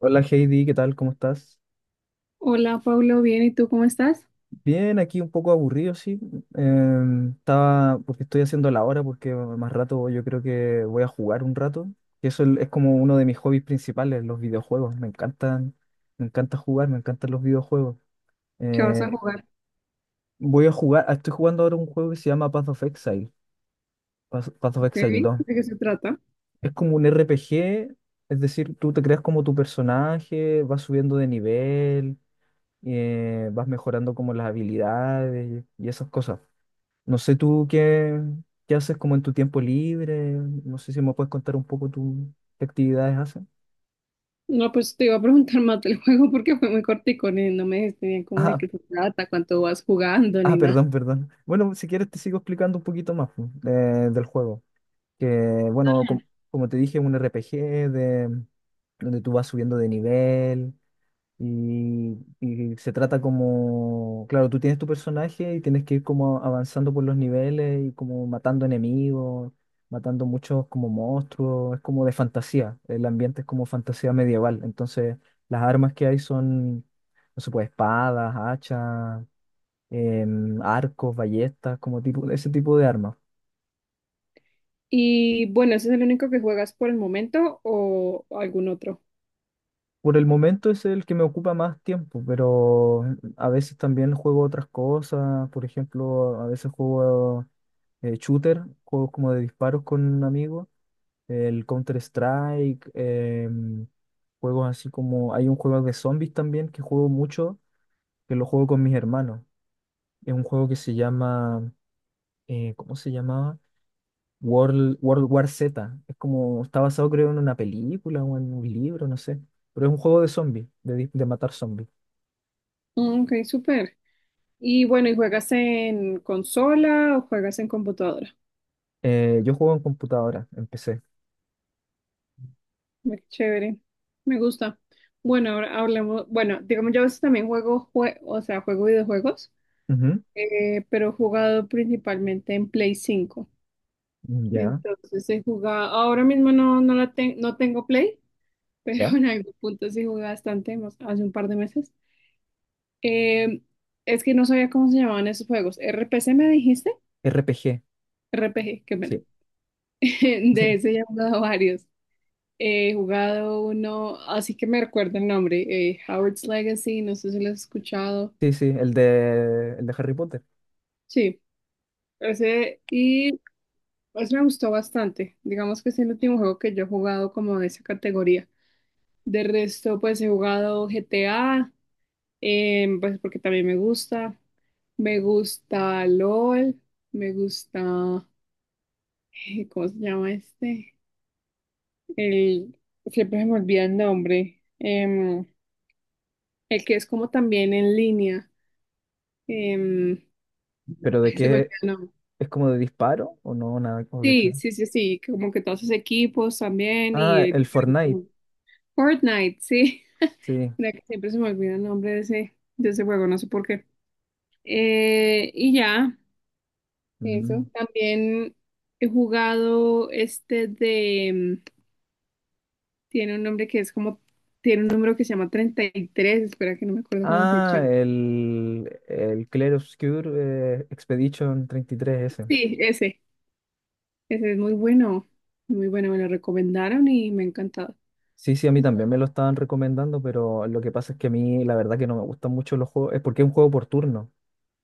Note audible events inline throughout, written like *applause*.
Hola Heidi, ¿qué tal? ¿Cómo estás? Hola, Pablo, bien, ¿y tú cómo estás? Bien, aquí un poco aburrido, sí. Estaba, porque estoy haciendo la hora, porque más rato yo creo que voy a jugar un rato. Y eso es como uno de mis hobbies principales, los videojuegos. Me encantan, me encanta jugar, me encantan los videojuegos. ¿Qué vas Eh, a jugar? Voy a jugar, estoy jugando ahora un juego que se llama Path of Exile, Path of Ok, Exile ¿de dos. qué se trata? Es como un RPG, es decir, tú te creas como tu personaje, vas subiendo de nivel, vas mejorando como las habilidades y esas cosas. No sé qué haces como en tu tiempo libre, no sé si me puedes contar un poco tu, qué actividades haces. No, pues te iba a preguntar más del *laughs* juego porque fue muy cortico, no me dijiste bien cómo de Ah, qué se trata, cuánto vas jugando, ni nada. perdón, perdón. Bueno, si quieres te sigo explicando un poquito más pues, del juego, que bueno, como te dije, es un RPG de, donde tú vas subiendo de nivel. Y se trata como, claro, tú tienes tu personaje y tienes que ir como avanzando por los niveles y como matando enemigos, matando muchos como monstruos, es como de fantasía, el ambiente es como fantasía medieval, entonces las armas que hay son, no sé, pues espadas, hachas, arcos, ballestas, como tipo, ese tipo de armas. Y bueno, ¿ese es el único que juegas por el momento o algún otro? Por el momento es el que me ocupa más tiempo, pero a veces también juego otras cosas. Por ejemplo, a veces juego shooter, juegos como de disparos con un amigo, el Counter-Strike, juegos así como... Hay un juego de zombies también que juego mucho, que lo juego con mis hermanos. Es un juego que se llama... ¿cómo se llamaba? World War Z. Es como... Está basado creo en una película o en un libro, no sé. Pero es un juego de zombies, de, de matar zombies. Mm, ok, súper. Y bueno, ¿y juegas en consola o juegas en computadora? Yo juego en computadora, empecé. Ve, qué chévere, me gusta. Bueno, ahora hablemos, bueno, digamos, yo a veces también juego, o sea, juego videojuegos. Ujú, Pero he jugado principalmente en Play 5. ya, Entonces he jugado, ahora mismo no, no, no tengo Play. *laughs* ya. Pero en algún punto sí jugué bastante, hace un par de meses. Eh, es que no sabía cómo se llamaban esos juegos. ¿RPC me dijiste? RPG, RPG, qué pena. sí. *laughs* De ese ya *laughs* he jugado varios. He jugado uno, así que me recuerdo el nombre, Howard's Legacy, no sé si lo has escuchado. Sí, sí, el de Harry Potter. Sí, ese. Y pues me gustó bastante. Digamos que es el último juego que yo he jugado como de esa categoría. De resto, pues he jugado GTA, pues porque también me gusta. Me gusta LOL, me gusta, ¿cómo se llama este? El, Siempre se me olvida el nombre. El que es como también en línea. Em, ¿Pero de Ay, se me olvida qué? el nombre. ¿Es como de disparo o no? Nada, ¿o de qué? Sí, sí, sí, sí, como que todos esos equipos también Ah, y el Fortnite, Fortnite, sí. sí. *laughs* Mira que siempre se me olvida el nombre de ese juego, no sé por qué. Y ya, eso. Mm. También he jugado este de, mm, tiene un nombre que es como, tiene un número que se llama 33. Espera, que no me acuerdo cómo se Ah, llama. El Clair Obscur Expedition 33 s. Sí, ese, es muy bueno, muy bueno, me lo recomendaron y me ha encantado. Sí, sí, a mí también me lo estaban recomendando, pero lo que pasa es que a mí la verdad que no me gustan mucho los juegos, es porque es un juego por turno.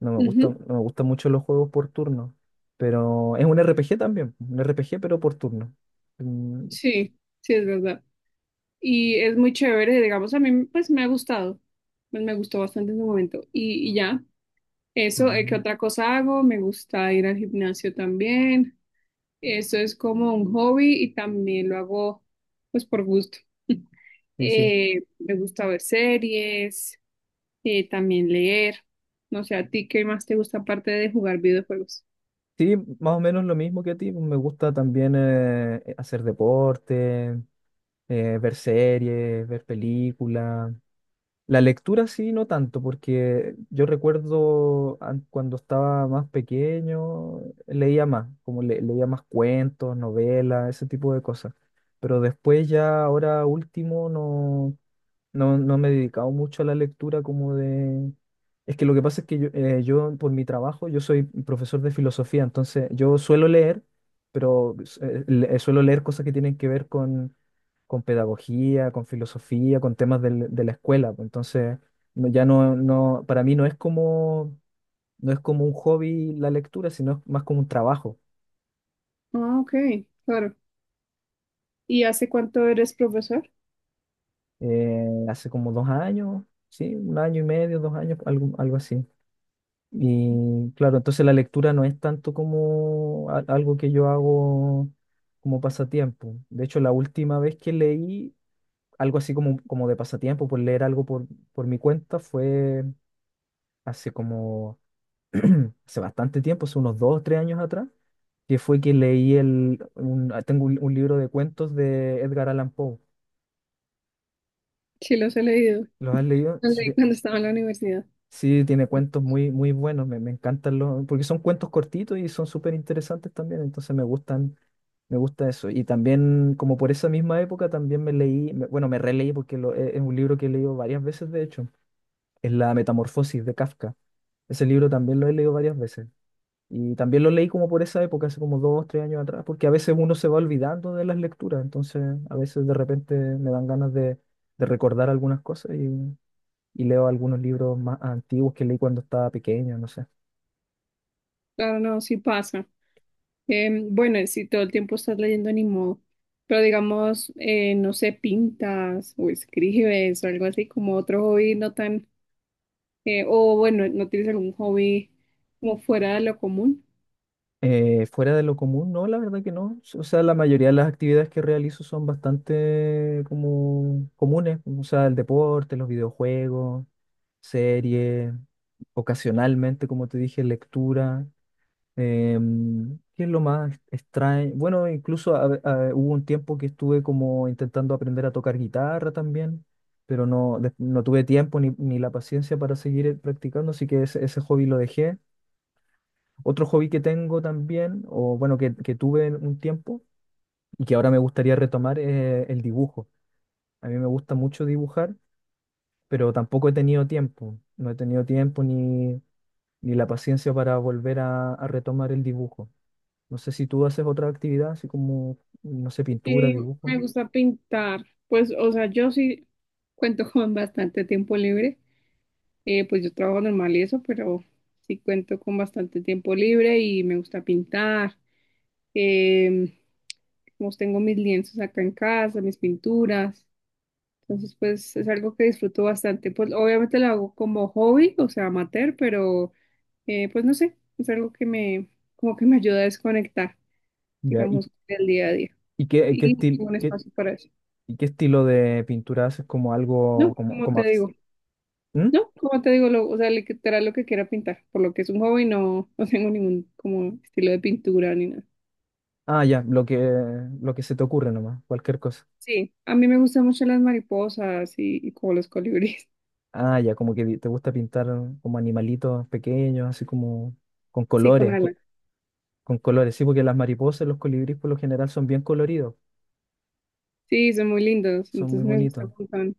No me gusta, Ujú, no me gustan mucho los juegos por turno. Pero es un RPG también. Un RPG, pero por turno. Mm, sí, sí, es verdad. Y es muy chévere, digamos, a mí pues me ha gustado, pues, me gustó bastante en su momento. Y ya. Eso, ¿qué ah, otra cosa hago? Me gusta ir al gimnasio también. Eso es como un hobby y también lo hago pues por gusto. sí, sí. Me gusta ver series, también leer. No sé, ¿a ti qué más te gusta aparte de jugar videojuegos? Sí, más o menos lo mismo que a ti. Me gusta también hacer deporte, ver series, ver películas. La lectura sí, no tanto, porque yo recuerdo cuando estaba más pequeño, leía más, como leía más cuentos, novelas, ese tipo de cosas. Pero después ya, ahora último, no, no, no me he dedicado mucho a la lectura como de, es que lo que pasa es que yo, yo, por mi trabajo, yo soy profesor de filosofía, entonces yo suelo leer, pero suelo leer cosas que tienen que ver con pedagogía, con filosofía, con temas de la escuela, pues. Entonces, ya no, no, para mí no es como, no es como un hobby la lectura, sino es más como un trabajo. Ah, ok, claro. ¿Y hace cuánto eres profesor? Hace como 2 años, sí, un año y medio, 2 años, algo, algo así. Y claro, entonces la lectura no es tanto como algo que yo hago como pasatiempo. De hecho, la última vez que leí algo así como, como de pasatiempo, por leer algo por mi cuenta, fue hace como, *clears throat* hace bastante tiempo, hace unos 2 o 3 años atrás, que fue que leí tengo un libro de cuentos de Edgar Allan Poe. Sí, los he leído. ¿Los has leído? Los leí cuando estaba en la universidad. Sí, tiene cuentos muy, muy buenos, me encantan los, porque son cuentos cortitos y son súper interesantes también, entonces me gustan, me gusta eso. Y también, como por esa misma época, también me leí, bueno, me releí porque es un libro que he leído varias veces, de hecho, es La Metamorfosis de Kafka. Ese libro también lo he leído varias veces. Y también lo leí como por esa época, hace como 2, 3 años atrás, porque a veces uno se va olvidando de las lecturas, entonces a veces de repente me dan ganas de recordar algunas cosas y leo algunos libros más antiguos que leí cuando estaba pequeño, no sé. Claro, no, sí pasa. Bueno, y si todo el tiempo estás leyendo, ni modo. Pero digamos, no sé, ¿pintas o escribes o algo así como otro hobby no tan... o bueno, no tienes algún hobby como fuera de lo común? Fuera de lo común, no, la verdad que no. O sea, la mayoría de las actividades que realizo son bastante como comunes, o sea, el deporte, los videojuegos, series, ocasionalmente, como te dije, lectura. ¿Qué es lo más extraño? Bueno, incluso hubo un tiempo que estuve como intentando aprender a tocar guitarra también, pero no, no tuve tiempo ni, ni la paciencia para seguir practicando, así que ese hobby lo dejé. Otro hobby que tengo también, o bueno, que tuve en un tiempo y que ahora me gustaría retomar es el dibujo. A mí me gusta mucho dibujar, pero tampoco he tenido tiempo. No he tenido tiempo ni, ni la paciencia para volver a retomar el dibujo. No sé si tú haces otra actividad, así como, no sé, pintura, Sí, me dibujo. gusta pintar. Pues, o sea, yo sí cuento *laughs* con bastante tiempo libre. Pues yo trabajo normal y eso, pero sí cuento con bastante tiempo libre y me gusta pintar. Em, pues tengo mis lienzos acá en casa, mis pinturas. Entonces, pues es algo que disfruto bastante. Pues obviamente lo hago como hobby, o sea, amateur, pero pues no sé, es algo que me, como que me ayuda a desconectar, Ya, digamos, del día a día. y qué, qué Y tengo estil- un qué- espacio para eso. ¿y qué estilo de pintura haces? Como algo, No, como, como te digo, ¿mm? no, como te digo, lo, o sea, literal lo que quiera pintar, por lo que es un hobby, no, *laughs* no tengo ningún como estilo de pintura ni nada. Ah, ya, lo que se te ocurre nomás, cualquier cosa. Sí, a mí me gustan mucho las mariposas y como los colibríes. *laughs* Ah, ya, como que te gusta pintar como animalitos pequeños, así como con Sí, con colores, alas. con colores, sí, porque las mariposas, los colibríes por lo general son bien coloridos, Sí, son muy lindos, son muy entonces me gusta bonitos. mucho.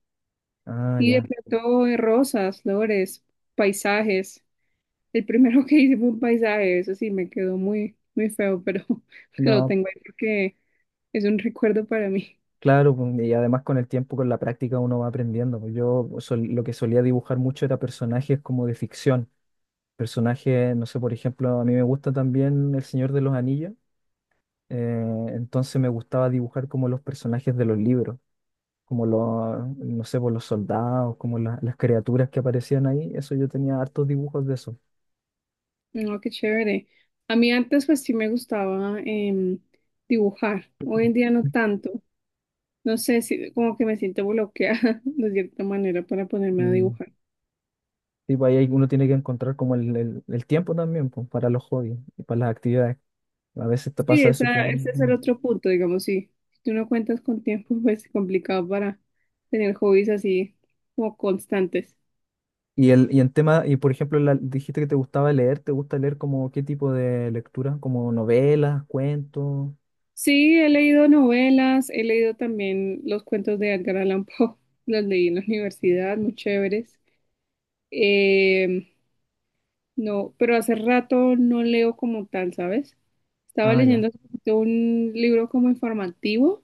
Ah, Y de ya. pronto rosas, flores, paisajes. El primero *laughs* que hice fue un paisaje, eso sí me quedó muy, muy feo, pero *laughs* lo No. tengo ahí porque es un recuerdo para mí. *laughs* Claro, pues, y además con el tiempo, con la práctica, uno va aprendiendo, pues. Lo que solía dibujar mucho era personajes como de ficción. Personajes, no sé, por ejemplo, a mí me gusta también El Señor de los Anillos, entonces me gustaba dibujar como los personajes de los libros, como los, no sé, pues, los soldados, como las criaturas que aparecían ahí. Eso yo tenía hartos dibujos de eso. No, qué chévere. A mí antes pues sí me gustaba dibujar, hoy en día no tanto. No sé si como que me siento bloqueada *laughs* de cierta manera para ponerme a Mm, dibujar. y pues, ahí uno tiene que encontrar como el tiempo también, pues, para los hobbies y para las actividades. A veces te Sí, pasa eso esa, que... ese es mm, el otro punto, digamos, sí. Si tú no cuentas con tiempo, *laughs* pues es complicado para tener hobbies así como constantes. y el, y en tema, y por ejemplo, dijiste que te gustaba leer, ¿te gusta leer como qué tipo de lectura? ¿Como novelas, cuentos? Sí, he leído novelas, he leído también los cuentos de Edgar Allan Poe, *laughs* los leí en la universidad, muy chéveres. Eh, no, pero hace rato no leo como tal, ¿sabes? Estaba Ah, ya, leyendo hace poquito un libro como informativo,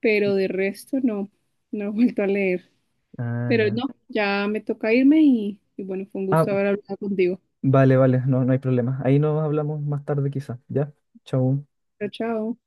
pero de resto no, no he vuelto a leer. ah, Pero ya. no, ya me toca irme y bueno, fue un Ah, gusto haber hablado contigo. vale, vale, no, no hay problema. Ahí nos hablamos más tarde quizá, ¿ya? Chau. Chao, chao.